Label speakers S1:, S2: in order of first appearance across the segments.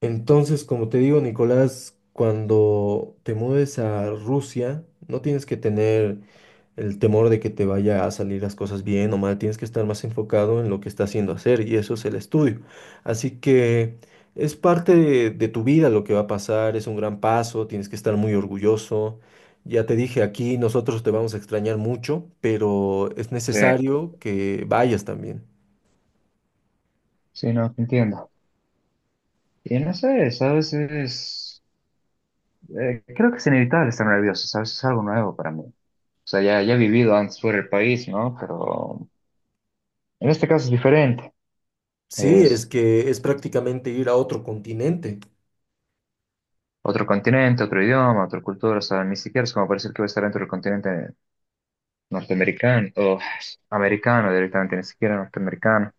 S1: Entonces, como te digo, Nicolás, cuando te mudes a Rusia, no tienes que tener el temor de que te vaya a salir las cosas bien o mal, tienes que estar más enfocado en lo que estás haciendo hacer y eso es el estudio. Así que es parte de tu vida lo que va a pasar, es un gran paso, tienes que estar muy orgulloso. Ya te dije, aquí nosotros te vamos a extrañar mucho, pero es
S2: Sí,
S1: necesario que vayas también.
S2: sí, no, te entiendo. Y no sé, es a veces creo que es inevitable estar nervioso, ¿sabes? Es algo nuevo para mí. O sea, ya he vivido antes fuera del país, ¿no? Pero en este caso es diferente.
S1: Sí, es
S2: Es
S1: que es prácticamente ir a otro continente.
S2: otro continente, otro idioma, otra cultura. O sea, ni siquiera es como parecer que voy a estar dentro del continente norteamericano o americano directamente, ni siquiera norteamericano.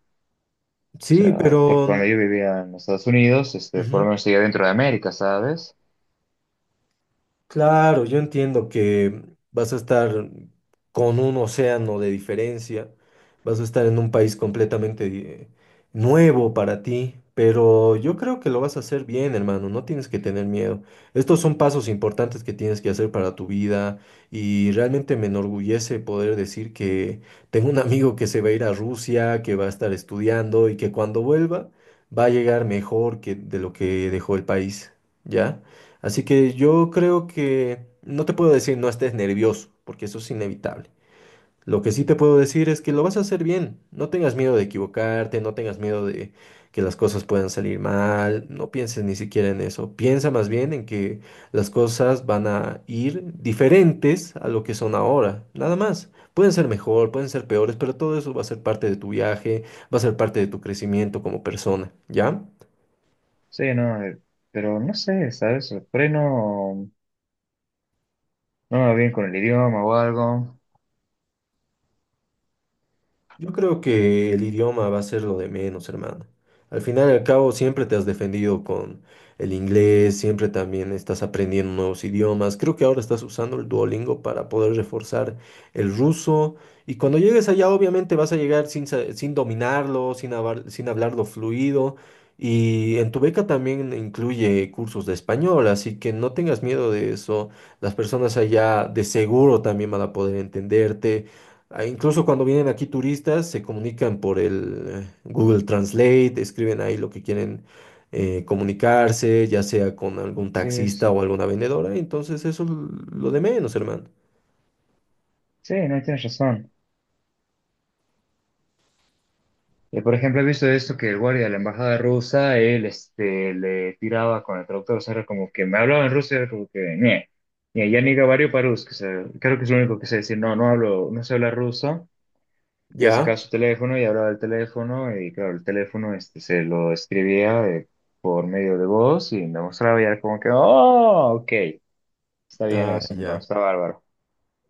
S2: O
S1: Sí,
S2: sea, porque
S1: pero...
S2: cuando yo vivía en Estados Unidos, este, por lo
S1: ujú.
S2: menos seguía dentro de América, ¿sabes?
S1: Claro, yo entiendo que vas a estar con un océano de diferencia, vas a estar en un país completamente nuevo para ti, pero yo creo que lo vas a hacer bien, hermano, no tienes que tener miedo. Estos son pasos importantes que tienes que hacer para tu vida y realmente me enorgullece poder decir que tengo un amigo que se va a ir a Rusia, que va a estar estudiando y que cuando vuelva va a llegar mejor que de lo que dejó el país, ¿ya? Así que yo creo que no te puedo decir no estés nervioso, porque eso es inevitable. Lo que sí te puedo decir es que lo vas a hacer bien. No tengas miedo de equivocarte, no tengas miedo de que las cosas puedan salir mal, no pienses ni siquiera en eso. Piensa más bien en que las cosas van a ir diferentes a lo que son ahora, nada más. Pueden ser mejor, pueden ser peores, pero todo eso va a ser parte de tu viaje, va a ser parte de tu crecimiento como persona, ¿ya?
S2: Sí, no, pero no sé, ¿sabes? Por ahí no. No me va bien con el idioma o algo.
S1: Yo creo que el idioma va a ser lo de menos, hermano. Al final y al cabo, siempre te has defendido con el inglés, siempre también estás aprendiendo nuevos idiomas. Creo que ahora estás usando el Duolingo para poder reforzar el ruso. Y cuando llegues allá, obviamente vas a llegar sin, sin dominarlo, sin, sin hablarlo fluido. Y en tu beca también incluye cursos de español, así que no tengas miedo de eso. Las personas allá de seguro también van a poder entenderte. Ah, incluso cuando vienen aquí turistas, se comunican por el Google Translate, escriben ahí lo que quieren comunicarse, ya sea con algún
S2: Sí,
S1: taxista
S2: es-
S1: o alguna vendedora. Entonces, eso es lo de menos, hermano.
S2: sí, no tienes razón. Por ejemplo, he visto esto que el guardia de la embajada rusa, él este, le tiraba con el traductor, o sea, era como que me hablaba en ruso, era como que, "Nie, nie, ya ni gabario parus, que se- creo que es lo único que sé decir, no, no hablo, no sé hablar ruso". Y él
S1: Ya,
S2: sacaba su teléfono y hablaba del teléfono, y claro, el teléfono este, se lo escribía por medio de voz y me mostraba y era como que, oh, ok, está bien
S1: ah,
S2: eso, no,
S1: ya.
S2: está bárbaro.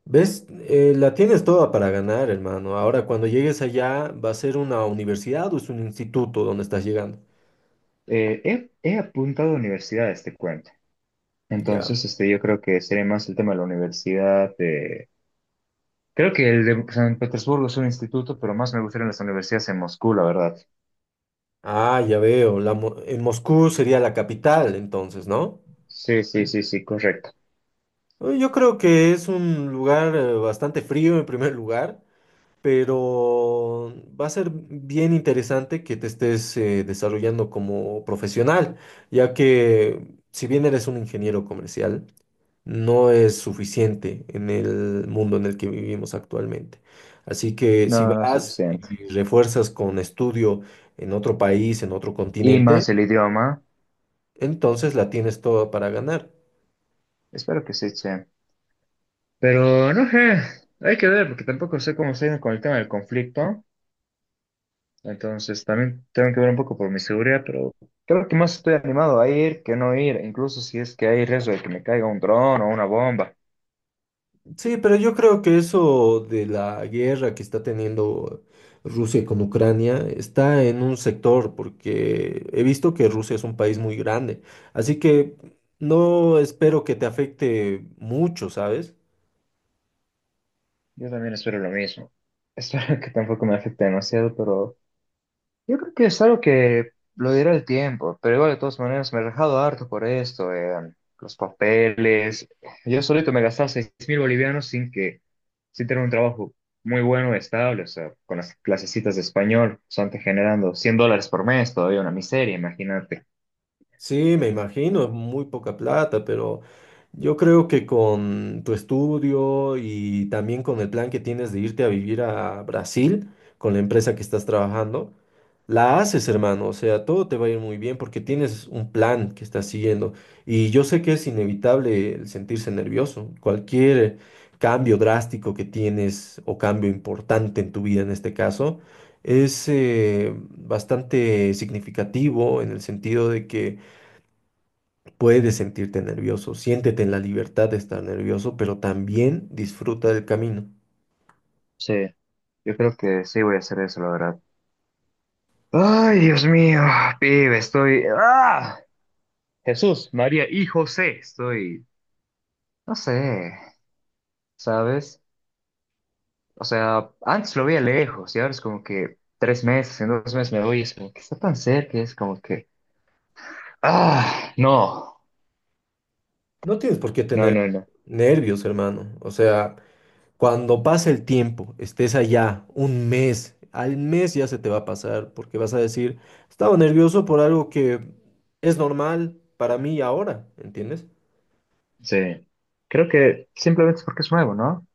S1: ¿Ves? La tienes toda para ganar, hermano. Ahora, cuando llegues allá, ¿va a ser una universidad o es un instituto donde estás llegando?
S2: He apuntado a universidades, te cuento.
S1: Ya.
S2: Entonces, este, yo creo que sería más el tema de la universidad. Creo que el de San Petersburgo es un instituto, pero más me gustarían las universidades en Moscú, la verdad.
S1: Ah, ya veo. En Moscú sería la capital, entonces, ¿no?
S2: Sí, sí, sí, sí, correcto.
S1: Yo creo que es un lugar bastante frío en primer lugar, pero va a ser bien interesante que te estés desarrollando como profesional, ya que si bien eres un ingeniero comercial, no es suficiente en el mundo en el que vivimos actualmente. Así que
S2: No,
S1: si
S2: no es
S1: vas
S2: suficiente.
S1: y refuerzas con estudio en otro país, en otro
S2: Y
S1: continente,
S2: más el idioma.
S1: entonces la tienes toda para ganar.
S2: Espero que sí, che. Pero no sé, hay que ver, porque tampoco sé cómo se viene con el tema del conflicto. Entonces también tengo que ver un poco por mi seguridad, pero creo que más estoy animado a ir que no ir, incluso si es que hay riesgo de que me caiga un dron o una bomba.
S1: Sí, pero yo creo que eso de la guerra que está teniendo Rusia con Ucrania está en un sector, porque he visto que Rusia es un país muy grande, así que no espero que te afecte mucho, ¿sabes?
S2: Yo también espero lo mismo. Espero que tampoco me afecte demasiado, pero... Yo creo que es algo que lo dirá el tiempo, pero igual de todas maneras me he rajado harto por esto, los papeles. Yo solito me gastaba 6000 bolivianos sin que, sin tener un trabajo muy bueno, estable, o sea, con las clasecitas de español, solamente generando 100 dólares por mes, todavía una miseria, imagínate.
S1: Sí, me imagino, es muy poca plata, pero yo creo que con tu estudio y también con el plan que tienes de irte a vivir a Brasil con la empresa que estás trabajando, la haces, hermano, o sea, todo te va a ir muy bien porque tienes un plan que estás siguiendo. Y yo sé que es inevitable el sentirse nervioso. Cualquier cambio drástico que tienes o cambio importante en tu vida en este caso, es bastante significativo en el sentido de que puedes sentirte nervioso, siéntete en la libertad de estar nervioso, pero también disfruta del camino.
S2: Sí, yo creo que sí voy a hacer eso, la verdad. Ay, Dios mío, pibe, estoy... ¡Ah! Jesús, María y José, estoy... No sé, ¿sabes? O sea, antes lo veía lejos y ahora es como que 3 meses, en 2 meses me voy y es como que está tan cerca, es como que, ah, no,
S1: No tienes por qué
S2: no,
S1: tener
S2: no, no.
S1: nervios, hermano. O sea, cuando pase el tiempo, estés allá un mes, al mes ya se te va a pasar porque vas a decir, estaba nervioso por algo que es normal para mí ahora, ¿entiendes?
S2: Sí, creo que simplemente es porque es nuevo, ¿no?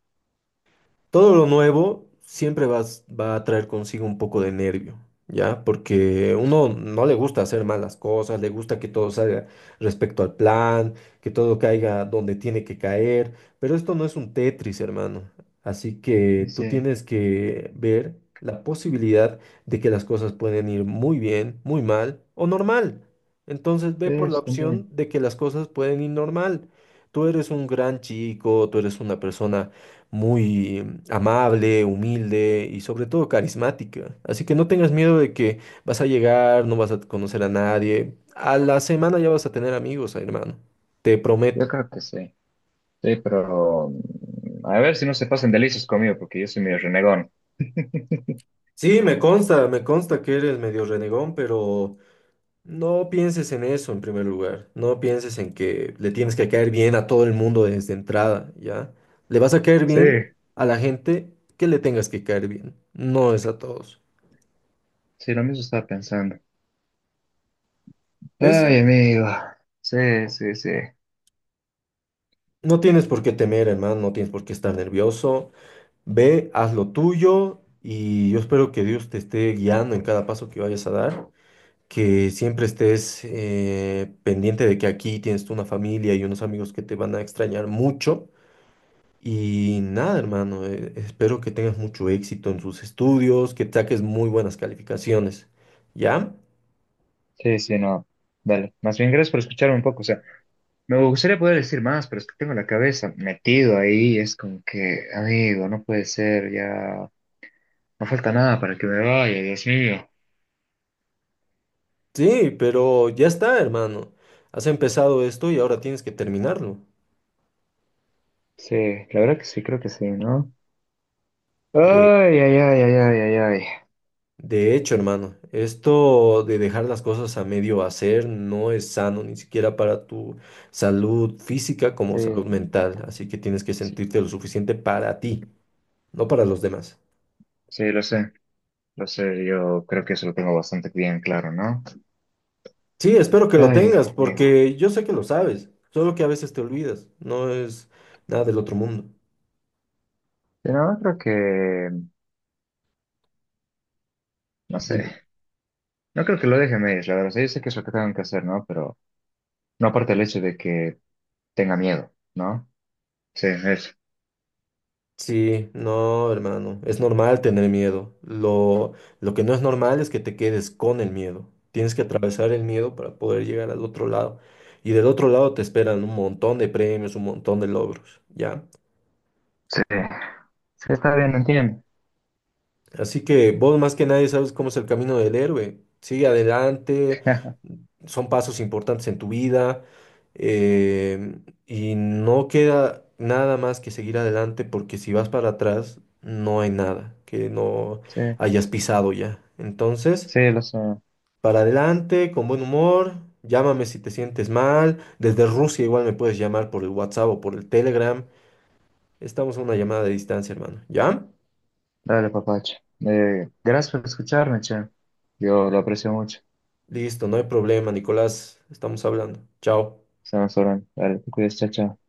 S1: Todo lo nuevo siempre va a traer consigo un poco de nervio, ¿ya? Porque uno no le gusta hacer malas cosas, le gusta que todo salga respecto al plan, que todo caiga donde tiene que caer, pero esto no es un Tetris, hermano. Así que tú
S2: Dice,
S1: tienes que ver la posibilidad de que las cosas pueden ir muy bien, muy mal o normal. Entonces ve por la
S2: es también.
S1: opción de que las cosas pueden ir normal. Tú eres un gran chico, tú eres una persona muy amable, humilde y sobre todo carismática. Así que no tengas miedo de que vas a llegar, no vas a conocer a nadie. A la semana ya vas a tener amigos, hermano. Te
S2: Yo
S1: prometo.
S2: creo que sí. Sí, pero mm, a ver si no se pasan de listos conmigo porque yo soy medio renegón.
S1: Sí, me consta que eres medio renegón, pero no pienses en eso en primer lugar. No pienses en que le tienes que caer bien a todo el mundo desde entrada, ¿ya? Le vas a caer
S2: Sí,
S1: bien a la gente que le tengas que caer bien, no es a todos.
S2: sí, lo mismo estaba pensando.
S1: ¿Ves?
S2: Ay, amigo. Sí, sí, sí.
S1: No tienes por qué temer, hermano, no tienes por qué estar nervioso. Ve, haz lo tuyo y yo espero que Dios te esté guiando en cada paso que vayas a dar, que siempre estés pendiente de que aquí tienes tú una familia y unos amigos que te van a extrañar mucho. Y nada, hermano, espero que tengas mucho éxito en tus estudios, que saques muy buenas calificaciones. ¿Ya?
S2: Sí, sí, no. Dale. Más bien, gracias por escucharme un poco. O sea, me gustaría poder decir más, pero es que tengo la cabeza metido ahí, es como que, amigo, no puede ser, ya no falta nada para que me vaya, Dios mío.
S1: Sí, pero ya está, hermano. Has empezado esto y ahora tienes que terminarlo.
S2: Sí, la verdad que sí, creo que sí, ¿no? Ay, ay, ay, ay, ay, ay, ay.
S1: De hecho, hermano, esto de dejar las cosas a medio hacer no es sano ni siquiera para tu salud física como
S2: Sí,
S1: salud mental, así que tienes que
S2: sí,
S1: sentirte lo suficiente para ti, no para los demás.
S2: sí, lo sé, yo creo que eso lo tengo bastante bien claro, ¿no?
S1: Sí, espero que lo
S2: Ay,
S1: tengas,
S2: amigo.
S1: porque yo sé que lo sabes, solo que a veces te olvidas, no es nada del otro mundo.
S2: Pero no creo que, no
S1: Dime.
S2: sé, no creo que lo deje a medias, la verdad, o sea, yo sé que es lo que tengo que hacer, ¿no? Pero no aparte el hecho de que tenga miedo, ¿no? Sí, eso.
S1: Sí, no, hermano, es normal tener miedo. Lo que no es normal es que te quedes con el miedo. Tienes que atravesar el miedo para poder llegar al otro lado. Y del otro lado te esperan un montón de premios, un montón de logros, ¿ya?
S2: Sí. Sí, está bien, entiendo.
S1: Así que vos más que nadie sabes cómo es el camino del héroe. Sigue adelante, son pasos importantes en tu vida eh, y no queda nada más que seguir adelante porque si vas para atrás no hay nada que no
S2: Sí,
S1: hayas pisado ya. Entonces,
S2: sí, lo sé.
S1: para adelante, con buen humor, llámame si te sientes mal. Desde Rusia igual me puedes llamar por el WhatsApp o por el Telegram. Estamos a una llamada de distancia, hermano. ¿Ya?
S2: Dale, papacho. Gracias por escucharme, che. Yo lo aprecio mucho.
S1: Listo, no hay problema, Nicolás. Estamos hablando. Chao.
S2: Estamos hablando. Dale, te cuidas, chao, chao.